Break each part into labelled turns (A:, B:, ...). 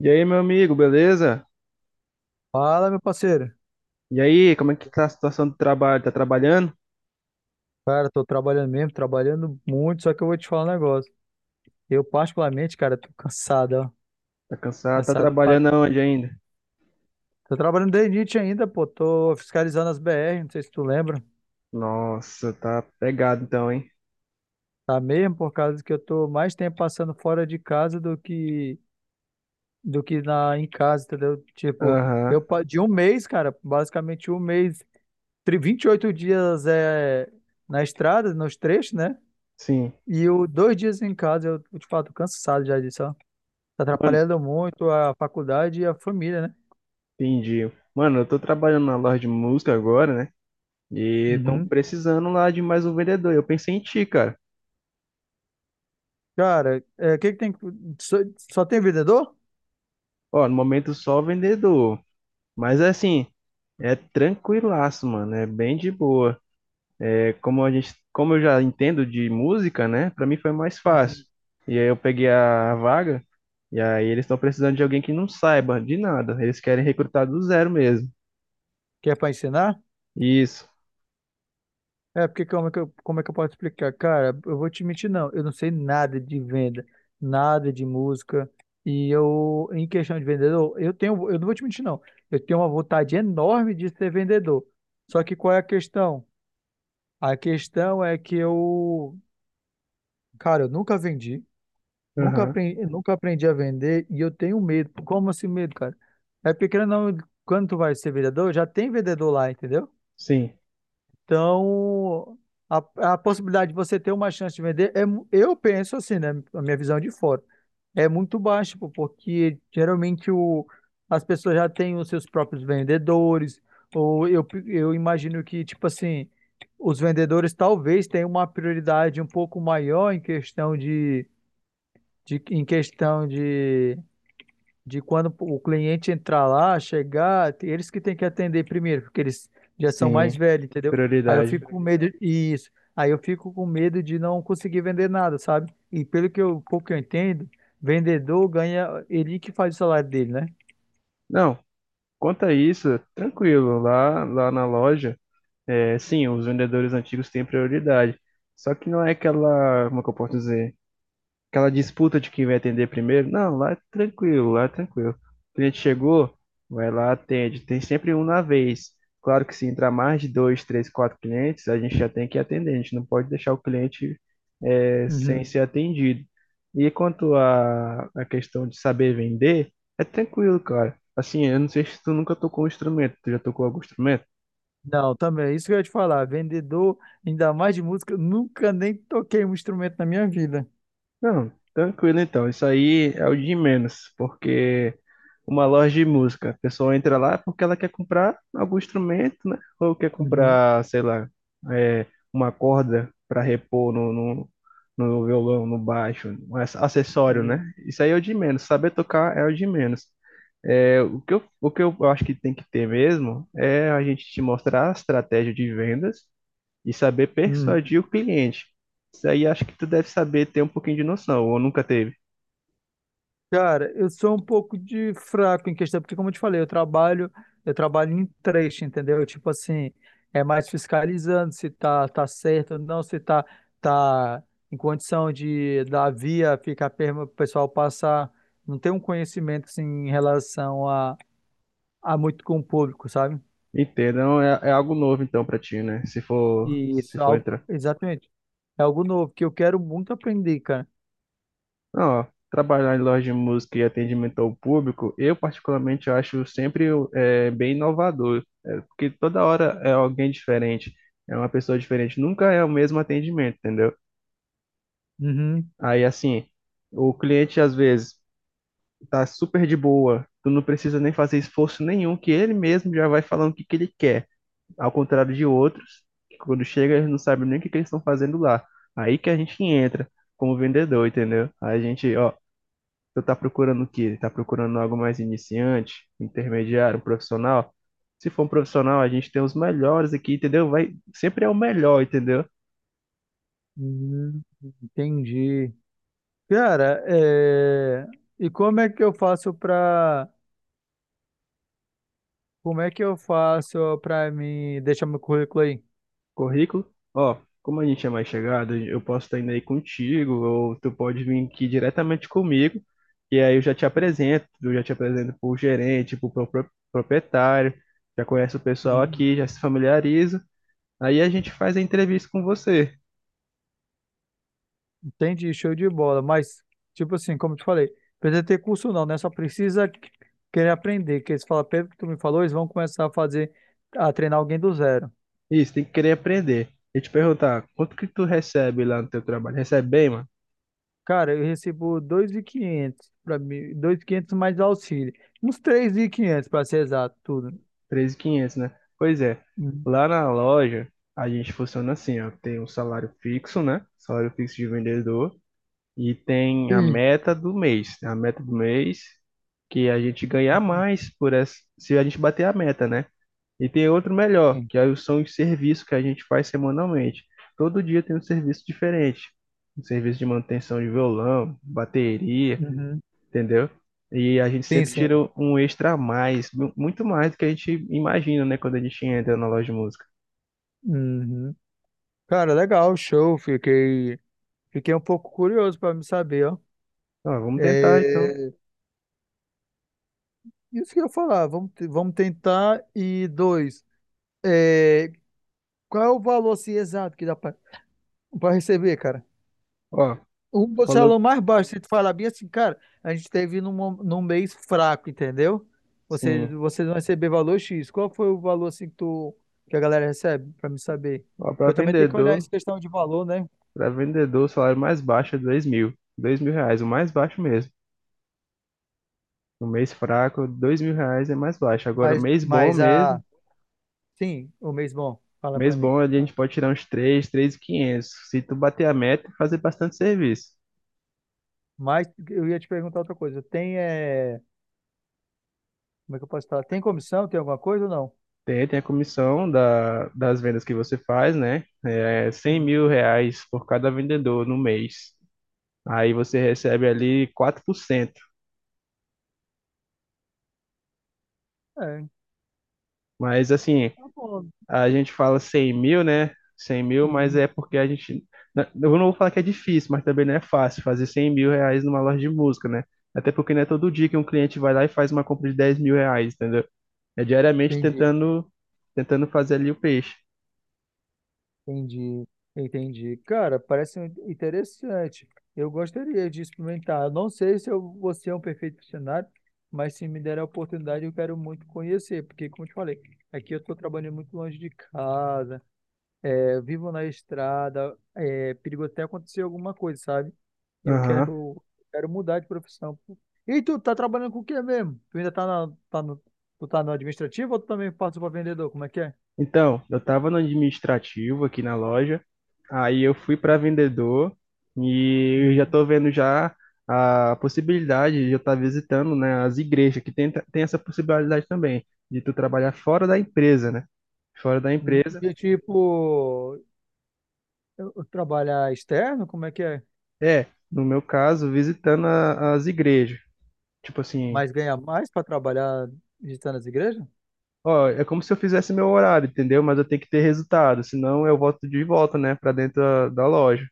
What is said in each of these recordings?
A: E aí, meu amigo, beleza?
B: Fala, meu parceiro.
A: E aí, como é que tá a situação do trabalho? Tá trabalhando?
B: Cara, tô trabalhando mesmo, trabalhando muito, só que eu vou te falar um negócio. Eu, particularmente, cara, tô cansado, ó.
A: Tá cansado? Tá
B: Cansado pra...
A: trabalhando aonde ainda?
B: Tô trabalhando desde Nietzsche ainda, pô. Tô fiscalizando as BR, não sei se tu lembra.
A: Nossa, tá pegado então, hein?
B: Tá mesmo por causa que eu tô mais tempo passando fora de casa do que na em casa, entendeu? Tipo,
A: Aham,
B: de um mês, cara, basicamente um mês, 28 dias é na estrada, nos trechos, né?
A: sim.
B: E o dois dias em casa, eu te falo, tô cansado já disso, ó. Tá
A: Mano,
B: atrapalhando muito a faculdade e a família, né?
A: entendi. Mano, eu tô trabalhando na loja de música agora, né? E estão
B: Uhum.
A: precisando lá de mais um vendedor. Eu pensei em ti, cara.
B: Cara, é, o que que tem. Só, só tem vendedor?
A: Ó, no momento só vendedor. Mas assim, é tranquilaço, mano. É bem de boa. É como eu já entendo de música, né? Para mim foi mais fácil.
B: Uhum.
A: E aí eu peguei a vaga e aí eles estão precisando de alguém que não saiba de nada. Eles querem recrutar do zero mesmo.
B: Que é pra ensinar?
A: Isso.
B: É, porque como é que eu posso explicar? Cara, eu vou te mentir, não. Eu não sei nada de venda, nada de música. E eu, em questão de vendedor, eu tenho, eu não vou te mentir, não. Eu tenho uma vontade enorme de ser vendedor. Só que qual é a questão? A questão é que eu, cara, eu nunca vendi. Nunca
A: Aham.
B: aprendi, nunca aprendi a vender e eu tenho medo. Como assim medo, cara? É porque querendo ou não, quando tu vai ser vendedor, já tem vendedor lá, entendeu?
A: Sim.
B: Então, a possibilidade de você ter uma chance de vender, é, eu penso assim, né? A minha visão é de fora, é muito baixa, pô, porque geralmente o, as pessoas já têm os seus próprios vendedores, ou eu imagino que, tipo assim, os vendedores talvez tenham uma prioridade um pouco maior em questão de em questão de quando o cliente entrar lá, chegar, eles que têm que atender primeiro, porque eles já são mais
A: Sim.
B: velhos, entendeu? Aí eu
A: Prioridade.
B: fico com medo, isso. Aí eu fico com medo de não conseguir vender nada, sabe? E pelo que eu, pouco que eu entendo, vendedor ganha, ele que faz o salário dele, né?
A: Não, quanto a isso, tranquilo. Lá na loja, é, sim, os vendedores antigos têm prioridade. Só que não é aquela, como é que eu posso dizer? Aquela disputa de quem vai atender primeiro. Não, lá é tranquilo, lá é tranquilo. O cliente chegou, vai lá, atende. Tem sempre um na vez. Claro que se entrar mais de dois, três, quatro clientes, a gente já tem que atender. A gente não pode deixar o cliente sem
B: Uhum.
A: ser atendido. E quanto à questão de saber vender, é tranquilo, cara. Assim, eu não sei se tu nunca tocou um instrumento. Tu já tocou algum instrumento?
B: Não, também, é isso que eu ia te falar. Vendedor, ainda mais de música, eu nunca nem toquei um instrumento na minha vida.
A: Não, tranquilo então. Isso aí é o de menos, porque uma loja de música, a pessoa entra lá porque ela quer comprar algum instrumento, né? Ou quer
B: Uhum.
A: comprar, sei lá, é, uma corda para repor no violão, no baixo, um acessório,
B: Uhum.
A: né? Isso aí é o de menos. Saber tocar é o de menos. É, o que eu acho que tem que ter mesmo é a gente te mostrar a estratégia de vendas e saber
B: Uhum.
A: persuadir o cliente. Isso aí acho que tu deve saber ter um pouquinho de noção, ou nunca teve.
B: Cara, eu sou um pouco de fraco em questão, porque como eu te falei, eu trabalho em trecho, entendeu? Tipo assim, é mais fiscalizando se tá, tá certo ou não, se tá, tá em condição de da via ficar perma, o pessoal passar, não tem um conhecimento assim, em relação a muito com o público, sabe?
A: Entendam, é algo novo então pra ti, né? Se for,
B: E
A: se
B: isso é
A: for
B: algo,
A: entrar.
B: exatamente, é algo novo que eu quero muito aprender, cara.
A: Não, ó, trabalhar em loja de música e atendimento ao público, eu particularmente acho sempre bem inovador, porque toda hora é alguém diferente, é uma pessoa diferente, nunca é o mesmo atendimento, entendeu?
B: Uhum,
A: Aí assim, o cliente às vezes tá super de boa, tu não precisa nem fazer esforço nenhum, que ele mesmo já vai falando o que que ele quer. Ao contrário de outros, que quando chega eles não sabem nem o que eles estão fazendo lá. Aí que a gente entra como vendedor, entendeu? Aí a gente, ó, você tá procurando o quê? Tá procurando algo mais iniciante, intermediário, um profissional? Se for um profissional, a gente tem os melhores aqui, entendeu? Vai, sempre é o melhor, entendeu?
B: uhum, entendi. Cara, é, e como é que eu faço pra. Como é que eu faço pra mim deixar meu currículo aí?
A: Currículo? Ó, como a gente é mais chegado, eu posso estar indo aí contigo, ou tu pode vir aqui diretamente comigo, e aí eu já te apresento pro gerente, pro proprietário, já conhece o pessoal
B: Hum.
A: aqui, já se familiariza, aí a gente faz a entrevista com você.
B: Entendi, show de bola. Mas, tipo assim, como eu te falei, precisa ter curso não, né? Só precisa querer aprender. Que eles falam, pelo que tu me falou, eles vão começar a fazer, a treinar alguém do zero.
A: Isso, tem que querer aprender. E te perguntar, quanto que tu recebe lá no teu trabalho? Recebe bem, mano?
B: Cara, eu recebo 2.500 para mim, 2.500 mais auxílio. Uns 3.500 para ser exato, tudo.
A: 13.500, né? Pois é,
B: Hum.
A: lá na loja a gente funciona assim, ó, tem um salário fixo, né? Salário fixo de vendedor. E tem a
B: Sim.
A: meta do mês, né? A meta do mês que é a gente ganhar
B: Hum.
A: mais por essa, se a gente bater a meta, né? E tem outro melhor, que aí são os serviços que a gente faz semanalmente. Todo dia tem um serviço diferente. Um serviço de manutenção de violão, bateria,
B: Uhum.
A: entendeu? E a gente
B: Sim,
A: sempre tira
B: sim.
A: um extra a mais, muito mais do que a gente imagina, né? Quando a gente entra na loja de música.
B: Uhum. Cara, legal, show. Fiquei, fiquei um pouco curioso para me saber, ó.
A: Ó, vamos tentar então.
B: É, isso que eu ia falar, vamos, vamos tentar. E dois, é, qual é o valor assim, exato que dá para receber, cara?
A: Ó, tu
B: O
A: falou
B: salão mais baixo, se tu falar bem assim, cara, a gente teve num, num mês fraco, entendeu? Você,
A: sim.
B: vocês vão receber valor X. Qual foi o valor assim que, tu, que a galera recebe, para me saber?
A: Ó, para
B: Porque eu também tenho que olhar
A: vendedor.
B: essa questão de valor, né?
A: Para vendedor, o salário mais baixo é 2.000. 2.000 reais, o mais baixo mesmo. No mês fraco, 2.000 reais é mais baixo. Agora, mês bom
B: Mas
A: mesmo,
B: a. Sim, o mês bom. Fala
A: mês
B: para mim.
A: bom ali a gente pode tirar uns 3.500. Se tu bater a meta, é fazer bastante serviço.
B: Mas eu ia te perguntar outra coisa. Tem, é... como é que eu posso falar? Tem comissão? Tem alguma coisa ou não?
A: Tem a comissão da, das vendas que você faz, né? É 100.000
B: Uhum.
A: reais por cada vendedor no mês. Aí você recebe ali 4%.
B: É,
A: Mas assim,
B: tá bom.
A: a gente fala 100.000, né? 100.000, mas
B: Uhum.
A: é porque a gente. Né, eu não vou falar que é difícil, mas também não é fácil fazer 100.000 reais numa loja de música, né? Até porque não é todo dia que um cliente vai lá e faz uma compra de 10.000 reais, entendeu? É diariamente
B: Entendi,
A: tentando fazer ali o peixe.
B: entendi, entendi. Cara, parece interessante. Eu gostaria de experimentar. Eu não sei se eu vou ser um perfeccionário, mas se me der a oportunidade, eu quero muito conhecer, porque, como eu te falei, aqui eu estou trabalhando muito longe de casa, é, vivo na estrada, é perigo até acontecer alguma coisa, sabe? E eu
A: Aham.
B: quero, quero mudar de profissão, pô. E tu tá trabalhando com o quê mesmo? Tu ainda tá, na, tá no, tu tá no administrativo ou tu também passa pra vendedor? Como é que é?
A: Então, eu estava no administrativo aqui na loja, aí eu fui para vendedor e eu já
B: Uhum.
A: estou vendo já a possibilidade de eu estar visitando, né, as igrejas, que tem, tem essa possibilidade também, de tu trabalhar fora da empresa, né? Fora da empresa,
B: De tipo, eu trabalhar externo, como é que é?
A: é, no meu caso, visitando as igrejas. Tipo assim,
B: Mas ganhar mais pra trabalhar visitando as igrejas?
A: ó, é como se eu fizesse meu horário, entendeu? Mas eu tenho que ter resultado, senão eu volto de volta, né, para dentro da loja.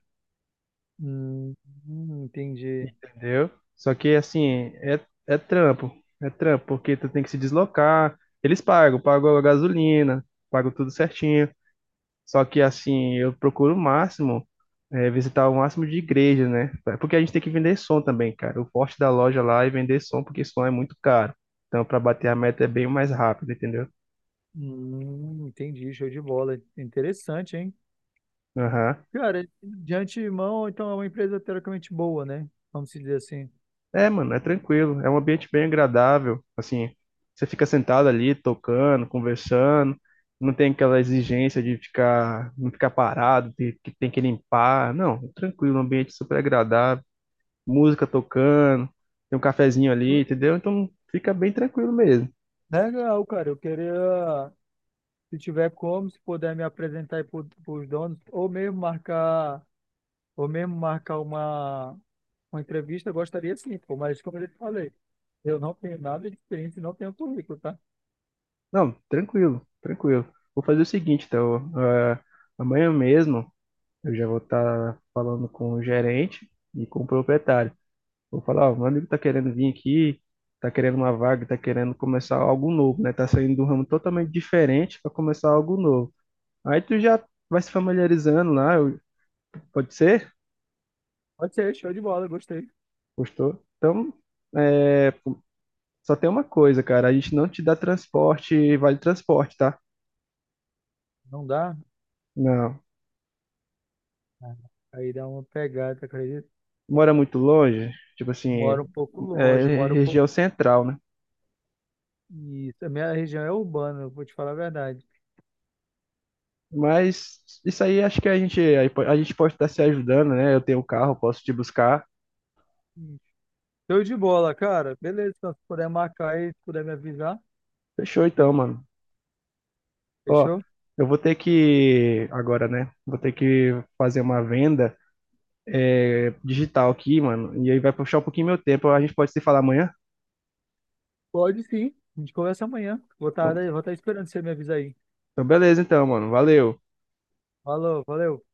B: Hum, entendi.
A: Entendeu? Só que assim, é trampo. É trampo, porque tu tem que se deslocar. Eles pagam, pagam a gasolina, pagam tudo certinho. Só que assim, eu procuro o máximo, visitar o máximo de igreja, né? Porque a gente tem que vender som também, cara. O forte da loja lá é vender som, porque som é muito caro. Então, para bater a meta é bem mais rápido, entendeu?
B: Entendi, show de bola. Interessante, hein?
A: Aham.
B: Cara, de antemão, então é uma empresa teoricamente boa, né? Vamos dizer assim.
A: É, mano, é tranquilo. É um ambiente bem agradável. Assim, você fica sentado ali, tocando, conversando. Não tem aquela exigência de ficar, não ficar parado, de, que tem que limpar. Não, é tranquilo, um ambiente super agradável. Música tocando, tem um cafezinho ali, entendeu? Então fica bem tranquilo mesmo.
B: Legal, cara. Eu queria, se tiver como, se puder me apresentar aí para os donos, ou mesmo marcar uma entrevista, eu gostaria sim, pô. Mas como eu já te falei, eu não tenho nada de experiência e não tenho currículo, tá?
A: Não, tranquilo, tranquilo. Vou fazer o seguinte, então, amanhã mesmo eu já vou estar falando com o gerente e com o proprietário. Vou falar, ó, meu amigo tá querendo vir aqui, tá querendo uma vaga, tá querendo começar algo novo, né? Tá saindo de um ramo totalmente diferente para começar algo novo. Aí tu já vai se familiarizando lá, pode ser?
B: Pode ser, show de bola, gostei.
A: Gostou? Então, é, só tem uma coisa, cara, a gente não te dá transporte, vale transporte, tá?
B: Não dá?
A: Não.
B: Ah, aí dá uma pegada, acredito.
A: Mora muito longe, tipo
B: Moro
A: assim,
B: um pouco longe,
A: é
B: moro um pouco.
A: região central, né?
B: Isso, a minha região é urbana, eu vou te falar a verdade.
A: Mas isso aí acho que a gente pode estar se ajudando, né? Eu tenho um carro, posso te buscar.
B: Show de bola, cara. Beleza, então, se puder marcar aí, se puder me avisar,
A: Fechou então, mano. Ó,
B: fechou?
A: eu vou ter que agora, né? Vou ter que fazer uma venda digital aqui, mano. E aí vai puxar um pouquinho meu tempo. A gente pode se falar amanhã?
B: Pode sim. A gente conversa amanhã.
A: Então,
B: Vou estar esperando você me avisar aí.
A: então beleza, então, mano. Valeu.
B: Falou, valeu.